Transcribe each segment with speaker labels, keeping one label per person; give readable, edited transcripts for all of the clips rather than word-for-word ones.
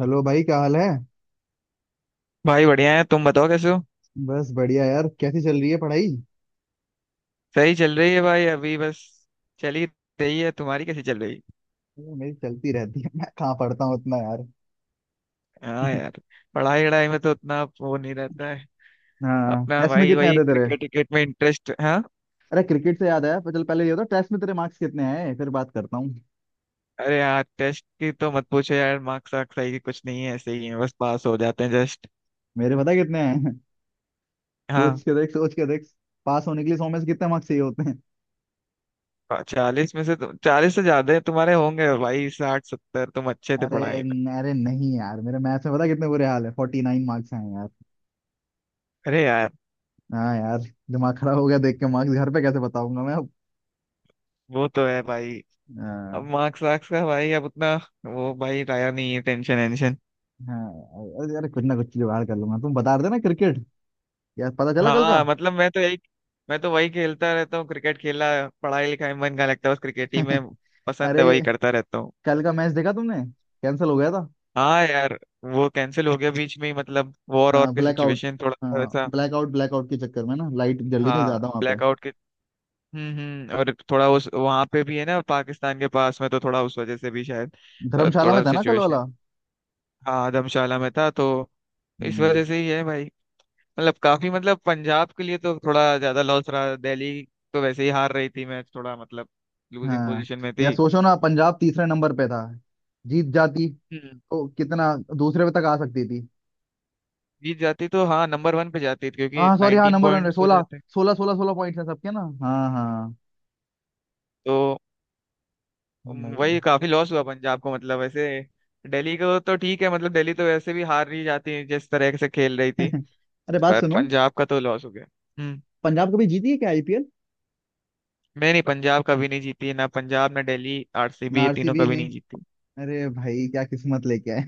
Speaker 1: Hello भाई, क्या हाल है।
Speaker 2: भाई बढ़िया है। तुम बताओ कैसे हो।
Speaker 1: बस बढ़िया यार। कैसी चल रही है पढ़ाई।
Speaker 2: सही चल रही है भाई, अभी बस चल ही रही है। तुम्हारी कैसी चल रही है।
Speaker 1: ये मेरी चलती रहती है। मैं कहाँ पढ़ता हूँ उतना यार।
Speaker 2: हाँ यार, पढ़ाई वढ़ाई में तो उतना वो नहीं रहता है।
Speaker 1: हाँ,
Speaker 2: अपना
Speaker 1: टेस्ट में
Speaker 2: भाई
Speaker 1: कितने
Speaker 2: वही
Speaker 1: आते तेरे।
Speaker 2: क्रिकेट क्रिकेट में इंटरेस्ट, हाँ।
Speaker 1: अरे क्रिकेट से याद आया। पर चल पहले ये होता, टेस्ट में तेरे मार्क्स कितने आए फिर बात करता हूँ।
Speaker 2: अरे यार, टेस्ट की तो मत पूछो यार। मार्क्स वार्क्स सही कुछ नहीं है, ऐसे ही है, बस पास हो जाते हैं जस्ट।
Speaker 1: मेरे पता कितने हैं।
Speaker 2: हाँ,
Speaker 1: सोच के देख, सोच के देख। पास होने के लिए 100 में से कितने मार्क्स चाहिए होते हैं।
Speaker 2: 40 में से तो 40 से ज्यादा है, तुम्हारे होंगे भाई, 60 70। तुम अच्छे थे पढ़ाई में।
Speaker 1: अरे नहीं यार, मेरे मैथ्स में पता कितने बुरे हाल है। 49 मार्क्स हैं यार।
Speaker 2: अरे यार,
Speaker 1: हाँ यार, दिमाग खराब हो गया देख के। मार्क्स घर पे कैसे बताऊंगा मैं अब।
Speaker 2: वो तो है भाई। अब
Speaker 1: हाँ,
Speaker 2: मार्क्स वार्क्स का भाई अब उतना वो भाई लाया नहीं है, टेंशन वेंशन।
Speaker 1: हाँ। अरे अरे, कुछ ना कुछ जुगाड़ कर लूंगा। तुम बता रहे थे ना क्रिकेट, यार पता चला कल का।
Speaker 2: हाँ मतलब मैं तो वही खेलता रहता हूँ, क्रिकेट खेला। पढ़ाई लिखाई में मन का लगता है, बस क्रिकेट ही में पसंद है, वही
Speaker 1: अरे
Speaker 2: करता रहता हूँ।
Speaker 1: कल का मैच देखा तुमने, कैंसिल हो गया था।
Speaker 2: हाँ यार, वो कैंसिल हो गया बीच में ही। मतलब वॉर और
Speaker 1: हाँ
Speaker 2: की
Speaker 1: ब्लैकआउट।
Speaker 2: सिचुएशन थोड़ा सा
Speaker 1: हाँ,
Speaker 2: वैसा।
Speaker 1: ब्लैकआउट, ब्लैकआउट के चक्कर में ना लाइट जल ही नहीं
Speaker 2: हाँ
Speaker 1: ज्यादा वहां पे।
Speaker 2: ब्लैकआउट के, हम्म। और थोड़ा उस वहां पे भी है ना पाकिस्तान के पास में, तो थोड़ा उस वजह से भी शायद।
Speaker 1: धर्मशाला में
Speaker 2: थोड़ा
Speaker 1: था ना कल
Speaker 2: सिचुएशन।
Speaker 1: वाला।
Speaker 2: हाँ, धर्मशाला में था, तो इस
Speaker 1: हम्म,
Speaker 2: वजह से ही है भाई। मतलब काफी मतलब पंजाब के लिए तो थोड़ा ज्यादा लॉस रहा। दिल्ली तो वैसे ही हार रही थी मैच, थोड़ा मतलब लूजिंग
Speaker 1: हाँ
Speaker 2: पोजीशन में
Speaker 1: यार,
Speaker 2: थी।
Speaker 1: सोचो ना। पंजाब तीसरे नंबर पे था। जीत जाती
Speaker 2: हम्म।
Speaker 1: तो कितना, दूसरे पे तक आ सकती थी।
Speaker 2: जीत जाती तो हाँ नंबर वन पे जाती, क्योंकि
Speaker 1: हाँ सॉरी, हाँ
Speaker 2: 19
Speaker 1: नंबर वन।
Speaker 2: पॉइंट्स हो
Speaker 1: सोलह
Speaker 2: जाते हैं।
Speaker 1: सोलह सोलह सोलह पॉइंट है सबके ना। हाँ, हाँ।
Speaker 2: तो
Speaker 1: भाई।
Speaker 2: वही काफी लॉस हुआ पंजाब को। मतलब वैसे दिल्ली को तो ठीक है, मतलब दिल्ली तो वैसे भी हार नहीं जाती है जिस तरह से खेल रही थी।
Speaker 1: अरे बात
Speaker 2: पर
Speaker 1: सुनो,
Speaker 2: पंजाब का तो लॉस हो गया। हम्म।
Speaker 1: पंजाब कभी जीती है क्या आईपीएल।
Speaker 2: मैं नहीं, पंजाब कभी नहीं जीती, ना पंजाब ना दिल्ली
Speaker 1: ना,
Speaker 2: आरसीबी, ये तीनों
Speaker 1: आरसीबी
Speaker 2: कभी
Speaker 1: नहीं।
Speaker 2: नहीं जीती।
Speaker 1: अरे भाई, क्या किस्मत लेके आए।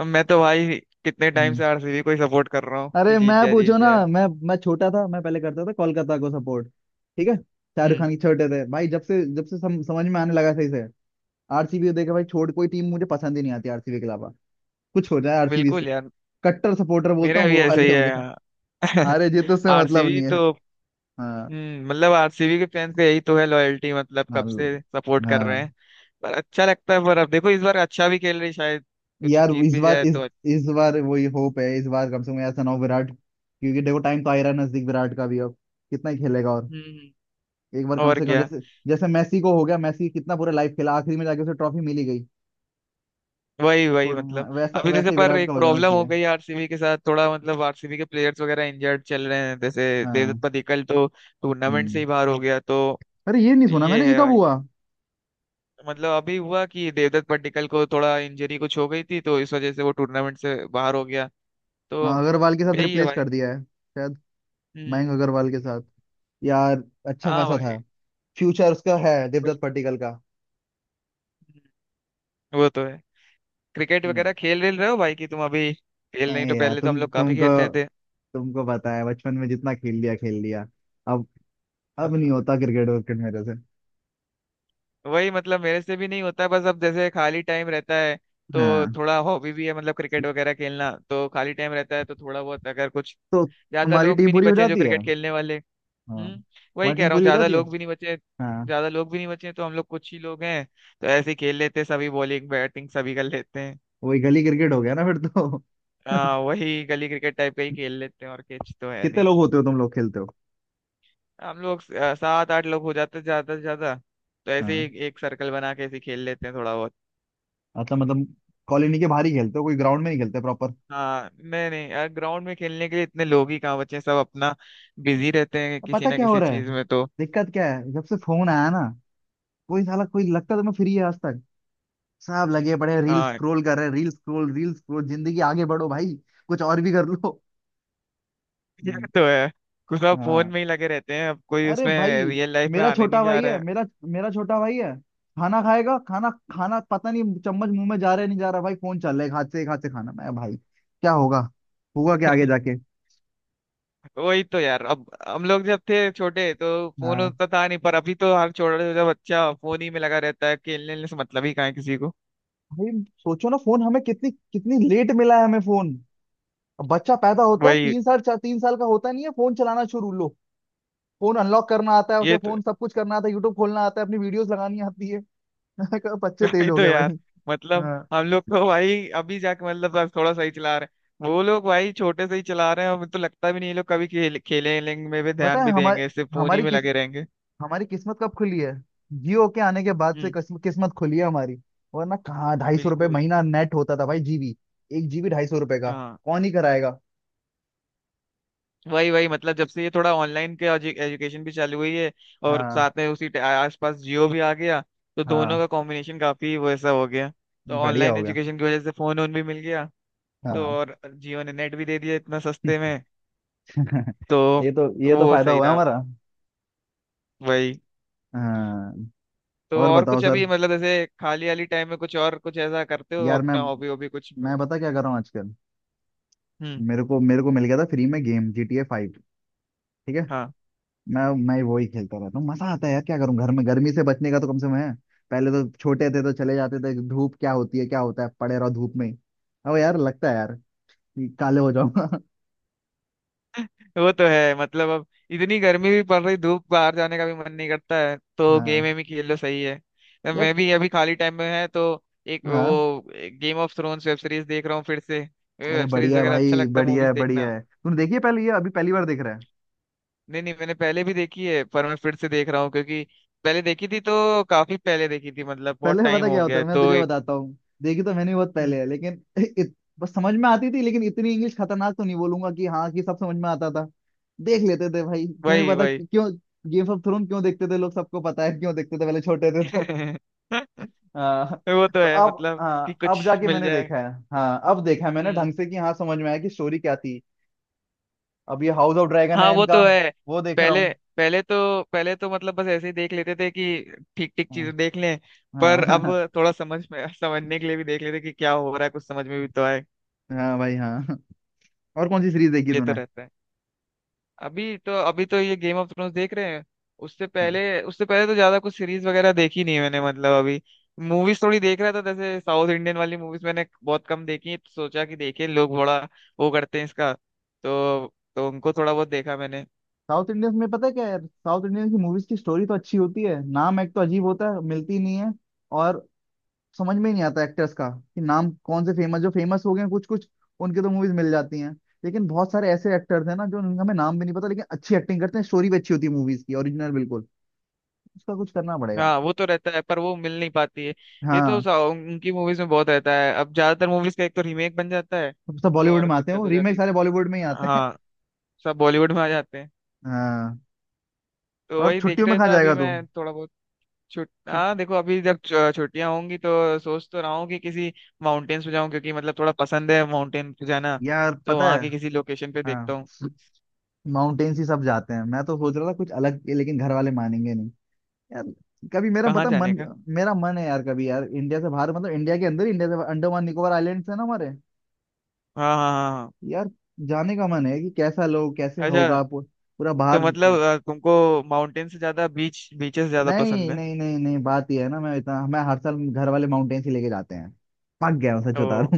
Speaker 2: अब मैं तो भाई कितने टाइम से आरसीबी को ही सपोर्ट कर रहा हूँ कि
Speaker 1: अरे मैं
Speaker 2: जीत जाए जीत
Speaker 1: पूछो ना,
Speaker 2: जाए।
Speaker 1: मैं छोटा था। मैं पहले करता था कोलकाता को सपोर्ट। ठीक है, शाहरुख
Speaker 2: हम्म।
Speaker 1: खान के। छोटे थे भाई, जब से समझ में आने लगा सही से। आरसीबी देखा भाई, छोड़। कोई टीम मुझे पसंद ही नहीं आती आरसीबी के अलावा। कुछ हो जाए आरसीबी से।
Speaker 2: बिल्कुल यार।
Speaker 1: कट्टर सपोर्टर बोलता
Speaker 2: मेरा
Speaker 1: हूँ वो
Speaker 2: भी ऐसा
Speaker 1: वाले
Speaker 2: ही
Speaker 1: हो
Speaker 2: है
Speaker 1: गए।
Speaker 2: यार।
Speaker 1: हारे जीत उससे मतलब
Speaker 2: आरसीबी
Speaker 1: नहीं है।
Speaker 2: तो,
Speaker 1: हाँ,
Speaker 2: मतलब आरसीबी के फैंस का यही तो है लॉयल्टी, मतलब
Speaker 1: हाँ,
Speaker 2: कब से सपोर्ट कर रहे
Speaker 1: हाँ।
Speaker 2: हैं। पर अच्छा लगता है। पर अब देखो इस बार अच्छा भी खेल रही है, शायद कुछ
Speaker 1: यार
Speaker 2: जीत भी जाए तो
Speaker 1: इस बार वही होप है। इस बार कम से कम ऐसा ना हो विराट, क्योंकि देखो टाइम तो आ ही रहा है नजदीक विराट का भी अब। कितना ही खेलेगा और।
Speaker 2: हम्म।
Speaker 1: एक बार कम
Speaker 2: और
Speaker 1: से कम
Speaker 2: क्या।
Speaker 1: जैसे जैसे मैसी को हो गया। मैसी कितना पूरा लाइफ खेला, आखिरी में जाके उसे ट्रॉफी मिली गई।
Speaker 2: वही वही
Speaker 1: हाँ,
Speaker 2: मतलब
Speaker 1: वैसा
Speaker 2: अभी जैसे।
Speaker 1: वैसे ही
Speaker 2: पर
Speaker 1: विराट का
Speaker 2: एक
Speaker 1: हो जाना
Speaker 2: प्रॉब्लम हो
Speaker 1: चाहिए।
Speaker 2: गई आरसीबी के साथ, थोड़ा मतलब आरसीबी के प्लेयर्स वगैरह इंजर्ड चल रहे हैं, जैसे
Speaker 1: हाँ।
Speaker 2: देवदत्त पडिक्कल तो टूर्नामेंट से
Speaker 1: हम्म।
Speaker 2: ही बाहर हो गया तो।
Speaker 1: अरे ये नहीं सुना
Speaker 2: ये
Speaker 1: मैंने, ये
Speaker 2: है,
Speaker 1: कब हुआ।
Speaker 2: मतलब अभी हुआ कि देवदत्त पड्डीकल को थोड़ा इंजरी कुछ हो गई थी, तो इस वजह से वो टूर्नामेंट से बाहर हो गया
Speaker 1: हाँ,
Speaker 2: तो।
Speaker 1: अग्रवाल के साथ
Speaker 2: यही है
Speaker 1: रिप्लेस
Speaker 2: भाई।
Speaker 1: कर दिया है शायद।
Speaker 2: हम्म।
Speaker 1: मयंक अग्रवाल के साथ। यार अच्छा
Speaker 2: हाँ
Speaker 1: खासा
Speaker 2: भाई।
Speaker 1: था फ्यूचर उसका, है
Speaker 2: बिल-
Speaker 1: देवदत्त पट्टिकल का।
Speaker 2: हम्म, वो तो है। क्रिकेट
Speaker 1: हम्म।
Speaker 2: वगैरह खेल रेल रहे हो भाई, कि तुम अभी
Speaker 1: ए
Speaker 2: खेल नहीं। तो
Speaker 1: यार,
Speaker 2: पहले तो हम लोग काफी
Speaker 1: तुमको
Speaker 2: खेलते थे।
Speaker 1: तुमको पता है, बचपन में जितना खेल लिया खेल लिया। अब
Speaker 2: हाँ,
Speaker 1: अब नहीं होता क्रिकेट विकेट मेरे से।
Speaker 2: वही मतलब मेरे से भी नहीं होता। बस अब जैसे खाली टाइम रहता है, तो
Speaker 1: हाँ
Speaker 2: थोड़ा हॉबी भी है मतलब क्रिकेट वगैरह खेलना। तो खाली टाइम रहता है तो थोड़ा बहुत अगर कुछ।
Speaker 1: तो
Speaker 2: ज्यादा
Speaker 1: तुम्हारी
Speaker 2: लोग भी
Speaker 1: टीम
Speaker 2: नहीं
Speaker 1: पूरी हो
Speaker 2: बचे हैं जो
Speaker 1: जाती है।
Speaker 2: क्रिकेट खेलने वाले।
Speaker 1: हाँ,
Speaker 2: हम्म। वही
Speaker 1: तुम्हारी
Speaker 2: कह
Speaker 1: टीम
Speaker 2: रहा हूँ,
Speaker 1: पूरी हो
Speaker 2: ज्यादा
Speaker 1: जाती है।
Speaker 2: लोग भी नहीं बचे।
Speaker 1: हाँ
Speaker 2: ज्यादा लोग भी नहीं बचे हैं, तो हम लोग कुछ ही लोग हैं, तो ऐसे ही खेल लेते हैं। सभी बॉलिंग बैटिंग सभी कर लेते हैं।
Speaker 1: वही गली क्रिकेट हो गया ना फिर तो।
Speaker 2: हाँ वही गली क्रिकेट टाइप का ही खेल लेते हैं, और किच तो है
Speaker 1: कितने
Speaker 2: नहीं।
Speaker 1: लोग होते हो तुम लोग खेलते हो।
Speaker 2: हम लोग 7 8 लोग हो जाते हैं ज्यादा से ज्यादा। तो ऐसे
Speaker 1: हाँ
Speaker 2: ही एक सर्कल बना के ऐसे ही खेल लेते हैं थोड़ा बहुत।
Speaker 1: अच्छा, मतलब कॉलोनी के बाहर ही खेलते हो, कोई ग्राउंड में नहीं खेलते प्रॉपर।
Speaker 2: हाँ नहीं नहीं, ग्राउंड में खेलने के लिए इतने लोग ही कहाँ बचे हैं। सब अपना बिजी रहते हैं किसी
Speaker 1: पता
Speaker 2: ना
Speaker 1: क्या हो
Speaker 2: किसी
Speaker 1: रहा है,
Speaker 2: चीज में तो।
Speaker 1: दिक्कत क्या है। जब से फोन आया ना, कोई साला कोई लगता तो मैं फ्री है आज तक। सब लगे पड़े रील
Speaker 2: हाँ।
Speaker 1: स्क्रॉल कर रहे हैं, रील स्क्रॉल, रील स्क्रॉल। जिंदगी आगे बढ़ो भाई, कुछ और भी कर लो।
Speaker 2: ये
Speaker 1: हम्म,
Speaker 2: तो है। कुछ सब फोन
Speaker 1: हाँ।
Speaker 2: में ही लगे रहते हैं, अब कोई
Speaker 1: अरे भाई,
Speaker 2: उसमें रियल लाइफ में
Speaker 1: मेरा
Speaker 2: आने
Speaker 1: छोटा
Speaker 2: नहीं जा
Speaker 1: भाई है।
Speaker 2: रहा
Speaker 1: मेरा मेरा छोटा भाई है। खाना खाएगा, खाना खाना पता नहीं, चम्मच मुंह में जा रहा है नहीं जा रहा भाई, फोन चल रहा है एक हाथ से, एक हाथ से खाना। मैं भाई क्या होगा, होगा क्या आगे
Speaker 2: है।
Speaker 1: जाके।
Speaker 2: वही तो यार, अब हम लोग जब थे छोटे तो फोन
Speaker 1: हाँ
Speaker 2: उतना था नहीं। पर अभी तो हर छोटा छोटा बच्चा फोन ही में लगा रहता है। खेलने वेलने से मतलब ही कहाँ है किसी को।
Speaker 1: भाई, सोचो ना फोन हमें कितनी कितनी लेट मिला है, हमें फोन। अब बच्चा पैदा होता है,
Speaker 2: वही।
Speaker 1: 3 साल, चार, 3 साल का होता नहीं है, फोन चलाना शुरू लो। फोन अनलॉक करना आता है उसे,
Speaker 2: ये तो।
Speaker 1: फोन सब कुछ करना आता है, यूट्यूब खोलना आता है, अपनी वीडियोस लगानी आती है। मैंने कहा बच्चे तेज
Speaker 2: वही
Speaker 1: हो
Speaker 2: तो
Speaker 1: गए
Speaker 2: यार,
Speaker 1: भाई।
Speaker 2: मतलब
Speaker 1: हाँ।
Speaker 2: हम लोग को भाई अभी जाके मतलब अब थोड़ा सही चला रहे हैं। वो लोग भाई छोटे से ही चला रहे हैं। अब तो लगता भी नहीं ये लोग कभी खेलेंगे में भी
Speaker 1: पता
Speaker 2: ध्यान
Speaker 1: है
Speaker 2: भी
Speaker 1: हमारे
Speaker 2: देंगे, सिर्फ फोन ही
Speaker 1: हमारी
Speaker 2: में
Speaker 1: किस
Speaker 2: लगे रहेंगे।
Speaker 1: हमारी किस्मत कब खुली है। जियो के आने के बाद से
Speaker 2: हम्म।
Speaker 1: किस्मत खुली है हमारी। वरना कहाँ 250 रुपये
Speaker 2: बिल्कुल।
Speaker 1: महीना नेट होता था भाई। जीबी 1 जीबी 250 रुपये का।
Speaker 2: हाँ
Speaker 1: कौन ही कराएगा।
Speaker 2: वही वही, मतलब जब से ये थोड़ा ऑनलाइन के एजुकेशन भी चालू हुई है, और
Speaker 1: हाँ,
Speaker 2: साथ में आसपास जियो भी आ गया, तो दोनों
Speaker 1: हाँ
Speaker 2: का कॉम्बिनेशन काफी वैसा हो गया। तो
Speaker 1: बढ़िया
Speaker 2: ऑनलाइन
Speaker 1: हो गया।
Speaker 2: एजुकेशन की वजह से फोन ओन भी मिल गया, तो
Speaker 1: हाँ।
Speaker 2: और जियो ने नेट भी दे दिया इतना सस्ते में। तो
Speaker 1: ये तो
Speaker 2: वो
Speaker 1: फायदा
Speaker 2: सही
Speaker 1: हुआ
Speaker 2: रहा।
Speaker 1: हमारा।
Speaker 2: वही।
Speaker 1: हाँ।
Speaker 2: तो
Speaker 1: और
Speaker 2: और
Speaker 1: बताओ
Speaker 2: कुछ
Speaker 1: सर।
Speaker 2: अभी मतलब ऐसे खाली वाली टाइम में कुछ और कुछ ऐसा करते हो
Speaker 1: यार मैं
Speaker 2: अपना हॉबी हॉबी कुछ।
Speaker 1: मैं बता क्या कर रहा हूँ आजकल।
Speaker 2: हम्म।
Speaker 1: मेरे को मिल गया था फ्री में गेम GTA 5, ठीक है।
Speaker 2: हाँ
Speaker 1: मैं मैं वही खेलता रहता हूँ। मजा आता है यार, क्या करूँ। घर में गर्मी से बचने का तो कम से कम है। पहले तो छोटे थे तो चले जाते थे, धूप क्या होती है क्या होता है, पड़े रहो धूप में ही। अब यार लगता है यार कि काले हो जाऊंगा।
Speaker 2: वो तो है मतलब। अब इतनी गर्मी भी पड़ रही, धूप बाहर जाने का भी मन नहीं करता है, तो गेम
Speaker 1: हाँ
Speaker 2: में ही खेल लो सही है। तो
Speaker 1: यार।
Speaker 2: मैं भी अभी खाली टाइम में है तो एक
Speaker 1: हाँ।
Speaker 2: वो game of thrones web series देख रहा हूँ फिर से।
Speaker 1: अरे
Speaker 2: वेब सीरीज
Speaker 1: बढ़िया है
Speaker 2: वगैरह अच्छा
Speaker 1: भाई,
Speaker 2: लगता है,
Speaker 1: बढ़िया है,
Speaker 2: मूवीज
Speaker 1: बढ़िया
Speaker 2: देखना।
Speaker 1: है। तूने देखी है पहले ये, अभी पहली बार देख रहा है।
Speaker 2: नहीं नहीं, मैंने पहले भी देखी है, पर मैं फिर से देख रहा हूँ क्योंकि पहले देखी थी तो काफी पहले देखी थी, मतलब बहुत
Speaker 1: पहले
Speaker 2: टाइम
Speaker 1: पता
Speaker 2: हो
Speaker 1: क्या होता
Speaker 2: गया
Speaker 1: है,
Speaker 2: है,
Speaker 1: मैं
Speaker 2: तो
Speaker 1: तुझे
Speaker 2: एक।
Speaker 1: बताता हूँ। देखी तो मैंने बहुत पहले
Speaker 2: हम्म,
Speaker 1: है लेकिन, बस समझ में आती थी। लेकिन इतनी इंग्लिश खतरनाक तो नहीं बोलूंगा कि हाँ कि सब समझ में आता था। देख लेते थे भाई, तुम्हें
Speaker 2: वही
Speaker 1: पता
Speaker 2: वही।
Speaker 1: क्यों गेम ऑफ थ्रोन क्यों देखते थे लोग। सबको पता है क्यों देखते थे, पहले छोटे थे तो। हाँ।
Speaker 2: वो तो
Speaker 1: तो
Speaker 2: है
Speaker 1: अब
Speaker 2: मतलब कि
Speaker 1: हाँ, अब
Speaker 2: कुछ
Speaker 1: जाके
Speaker 2: मिल
Speaker 1: मैंने
Speaker 2: जाए।
Speaker 1: देखा है। हाँ, अब देखा है मैंने ढंग
Speaker 2: हम्म।
Speaker 1: से, कि हाँ समझ में आया कि स्टोरी क्या थी। अब ये हाउस ऑफ ड्रैगन
Speaker 2: हाँ
Speaker 1: है
Speaker 2: वो
Speaker 1: इनका,
Speaker 2: तो है।
Speaker 1: वो देख रहा
Speaker 2: पहले
Speaker 1: हूँ।
Speaker 2: पहले तो पहले तो मतलब बस ऐसे ही देख लेते थे, कि ठीक ठीक चीजें देख लें।
Speaker 1: हाँ,
Speaker 2: पर अब
Speaker 1: हाँ।
Speaker 2: थोड़ा समझ में समझने के लिए भी देख लेते कि क्या हो रहा है, कुछ समझ में भी तो आए।
Speaker 1: हाँ भाई, हाँ। और कौन सी सीरीज देखी
Speaker 2: ये तो
Speaker 1: तूने।
Speaker 2: रहता है। अभी तो ये गेम ऑफ थ्रोन्स देख रहे हैं। उससे
Speaker 1: हाँ
Speaker 2: पहले उससे पहले तो ज्यादा कुछ सीरीज वगैरह देखी नहीं मैंने, मतलब अभी मूवीज थोड़ी देख रहा था। जैसे साउथ इंडियन वाली मूवीज मैंने बहुत कम देखी हैं, तो सोचा कि देखें, लोग बड़ा वो करते हैं इसका तो उनको थोड़ा बहुत देखा मैंने।
Speaker 1: साउथ इंडियंस में पता है क्या यार, साउथ इंडियन की मूवीज की स्टोरी तो अच्छी होती है। नाम एक तो अजीब होता है, मिलती नहीं है। और समझ में ही नहीं आता एक्टर्स का, कि नाम कौन से फेमस, जो फेमस हो गए हैं कुछ कुछ, उनके तो मूवीज मिल जाती हैं। लेकिन बहुत सारे ऐसे एक्टर्स हैं ना, जो उनका हमें नाम भी नहीं पता, लेकिन अच्छी एक्टिंग करते हैं, स्टोरी भी अच्छी होती है मूवीज की, ओरिजिनल बिल्कुल। उसका कुछ करना पड़ेगा।
Speaker 2: हाँ वो तो रहता है पर वो मिल नहीं पाती है।
Speaker 1: हाँ,
Speaker 2: उनकी मूवीज में बहुत रहता है, अब ज्यादातर मूवीज का एक तो रीमेक बन जाता है,
Speaker 1: सब सब
Speaker 2: तो
Speaker 1: बॉलीवुड
Speaker 2: और
Speaker 1: में आते हैं
Speaker 2: दिक्कत
Speaker 1: वो
Speaker 2: हो जाती
Speaker 1: रीमेक,
Speaker 2: है।
Speaker 1: सारे बॉलीवुड में ही आते हैं।
Speaker 2: हाँ, सब बॉलीवुड में आ जाते हैं।
Speaker 1: हाँ।
Speaker 2: तो
Speaker 1: और
Speaker 2: वही देख
Speaker 1: छुट्टियों में
Speaker 2: रहे
Speaker 1: कहाँ
Speaker 2: था अभी
Speaker 1: जाएगा तू।
Speaker 2: मैं थोड़ा बहुत। छुट,
Speaker 1: छुट
Speaker 2: हाँ देखो अभी जब छुट्टियां होंगी तो सोच तो रहा हूँ कि किसी माउंटेन्स पे जाऊँ, क्योंकि मतलब थोड़ा पसंद है माउंटेन पे जाना।
Speaker 1: यार
Speaker 2: तो
Speaker 1: पता
Speaker 2: वहाँ
Speaker 1: है।
Speaker 2: की किसी लोकेशन पे देखता
Speaker 1: हाँ,
Speaker 2: हूँ।
Speaker 1: माउंटेन्स ही सब जाते हैं। मैं तो सोच रहा था कुछ अलग, लेकिन घर वाले मानेंगे नहीं। यार कभी,
Speaker 2: कहाँ जाने का।
Speaker 1: मेरा मन है यार कभी, यार इंडिया से बाहर, मतलब इंडिया के अंदर ही, इंडिया से बाहर, अंडमान निकोबार आइलैंड्स है ना हमारे।
Speaker 2: हाँ हाँ हाँ हाँ।
Speaker 1: यार जाने का मन है कि कैसा लोग कैसे
Speaker 2: अच्छा,
Speaker 1: होगा पूरा
Speaker 2: तो
Speaker 1: बाहर।
Speaker 2: मतलब तुमको माउंटेन से ज्यादा बीच बीचेस ज्यादा
Speaker 1: नहीं,
Speaker 2: पसंद है।
Speaker 1: नहीं, नहीं, नहीं, बात ये है ना। मैं हर साल घर वाले माउंटेन्स ही लेके जाते हैं। पक गया हूं, सच
Speaker 2: ओ।
Speaker 1: बता रहा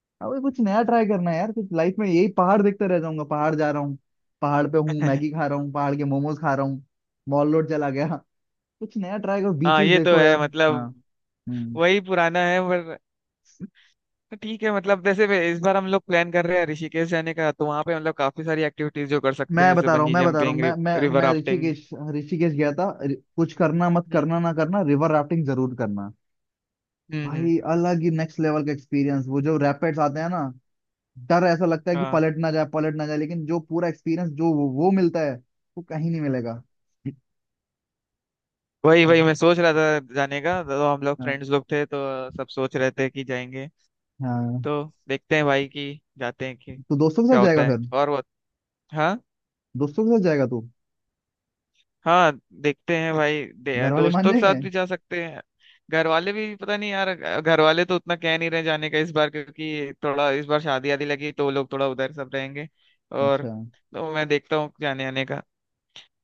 Speaker 1: हूँ। अब कुछ नया ट्राई करना है यार, कुछ लाइफ में। यही पहाड़ देखते रह जाऊंगा, पहाड़ जा रहा हूँ, पहाड़ पे हूँ मैगी खा रहा हूँ, पहाड़ के मोमोज खा रहा हूँ, मॉल रोड चला गया। कुछ नया ट्राई करो,
Speaker 2: हाँ
Speaker 1: बीचेस
Speaker 2: ये तो
Speaker 1: देखो
Speaker 2: है
Speaker 1: यार। हाँ।
Speaker 2: मतलब
Speaker 1: हम्म।
Speaker 2: वही पुराना है, पर ठीक है। मतलब जैसे इस बार हम लोग प्लान कर रहे हैं ऋषिकेश जाने का, तो वहाँ पे मतलब काफी सारी एक्टिविटीज जो कर सकते हैं, जैसे बंजी
Speaker 1: मैं बता रहा हूँ,
Speaker 2: जंपिंग,
Speaker 1: मैं मैं
Speaker 2: रिवर
Speaker 1: मैं
Speaker 2: राफ्टिंग।
Speaker 1: ऋषिकेश ऋषिकेश गया था। कुछ करना मत
Speaker 2: हम्म।
Speaker 1: करना, ना करना, रिवर राफ्टिंग जरूर करना।
Speaker 2: हम्म हम्म,
Speaker 1: भाई अलग ही नेक्स्ट लेवल का एक्सपीरियंस। वो जो रैपिड्स आते हैं ना, डर ऐसा लगता है कि
Speaker 2: हाँ
Speaker 1: पलट ना जाए पलट ना जाए, लेकिन जो पूरा एक्सपीरियंस जो वो मिलता है, वो कहीं नहीं मिलेगा।
Speaker 2: वही वही। मैं सोच रहा था जाने का, तो हम लोग
Speaker 1: हाँ,
Speaker 2: फ्रेंड्स लोग थे तो सब सोच रहे थे कि जाएंगे।
Speaker 1: हाँ।
Speaker 2: तो देखते हैं भाई कि जाते हैं कि
Speaker 1: तो दोस्तों के
Speaker 2: क्या
Speaker 1: साथ
Speaker 2: होता
Speaker 1: जाएगा
Speaker 2: है
Speaker 1: फिर।
Speaker 2: और वो। हाँ।
Speaker 1: दोस्तों के साथ जाएगा तू।
Speaker 2: हाँ देखते हैं भाई,
Speaker 1: घर वाले मान
Speaker 2: दोस्तों के साथ
Speaker 1: जाएंगे।
Speaker 2: भी जा सकते हैं। घर वाले भी पता नहीं यार। घर वाले तो उतना कह नहीं रहे जाने का इस बार, क्योंकि थोड़ा इस बार शादी आदि लगी तो वो लोग थोड़ा उधर सब रहेंगे। और
Speaker 1: अच्छा।
Speaker 2: तो मैं देखता हूँ जाने आने का।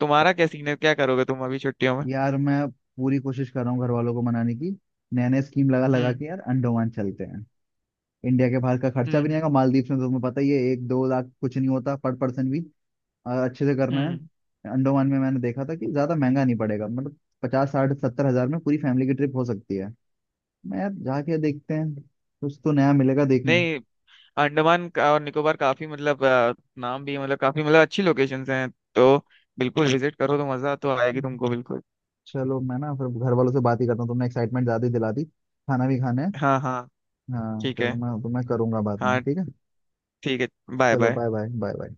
Speaker 2: तुम्हारा क्या सीन है, क्या करोगे तुम अभी छुट्टियों में।
Speaker 1: यार मैं पूरी कोशिश कर रहा हूँ घर वालों को मनाने की। नए नए स्कीम लगा लगा
Speaker 2: हम्म।
Speaker 1: के यार, अंडोमान चलते हैं। इंडिया के बाहर का खर्चा
Speaker 2: हम्म।
Speaker 1: भी नहीं
Speaker 2: हम्म।
Speaker 1: आएगा। मालदीव में तो तुम्हें पता ही है, 1-2 लाख कुछ नहीं होता पर पर्सन भी। और अच्छे से करना है।
Speaker 2: हम्म।
Speaker 1: अंडमान में मैंने देखा था कि ज्यादा महंगा नहीं पड़ेगा, मतलब 50-60-70 हज़ार में पूरी फैमिली की ट्रिप हो सकती है। मैं यार जाके देखते हैं, कुछ तो नया मिलेगा देखने।
Speaker 2: नहीं, अंडमान का और निकोबार काफी मतलब नाम भी है, मतलब काफी मतलब अच्छी लोकेशंस हैं, तो बिल्कुल विजिट करो तो मजा तो आएगी तुमको बिल्कुल।
Speaker 1: चलो, मैं ना फिर घर वालों से बात ही करता हूँ। तुमने एक्साइटमेंट ज्यादा ही दिला दी। खाना भी खाना है।
Speaker 2: हाँ हाँ।
Speaker 1: हाँ
Speaker 2: ठीक
Speaker 1: चलो,
Speaker 2: है।
Speaker 1: मैं तुम्हें करूंगा बाद में,
Speaker 2: हाँ।
Speaker 1: ठीक है।
Speaker 2: ठीक है। बाय
Speaker 1: चलो,
Speaker 2: bye.
Speaker 1: Bye bye, bye bye.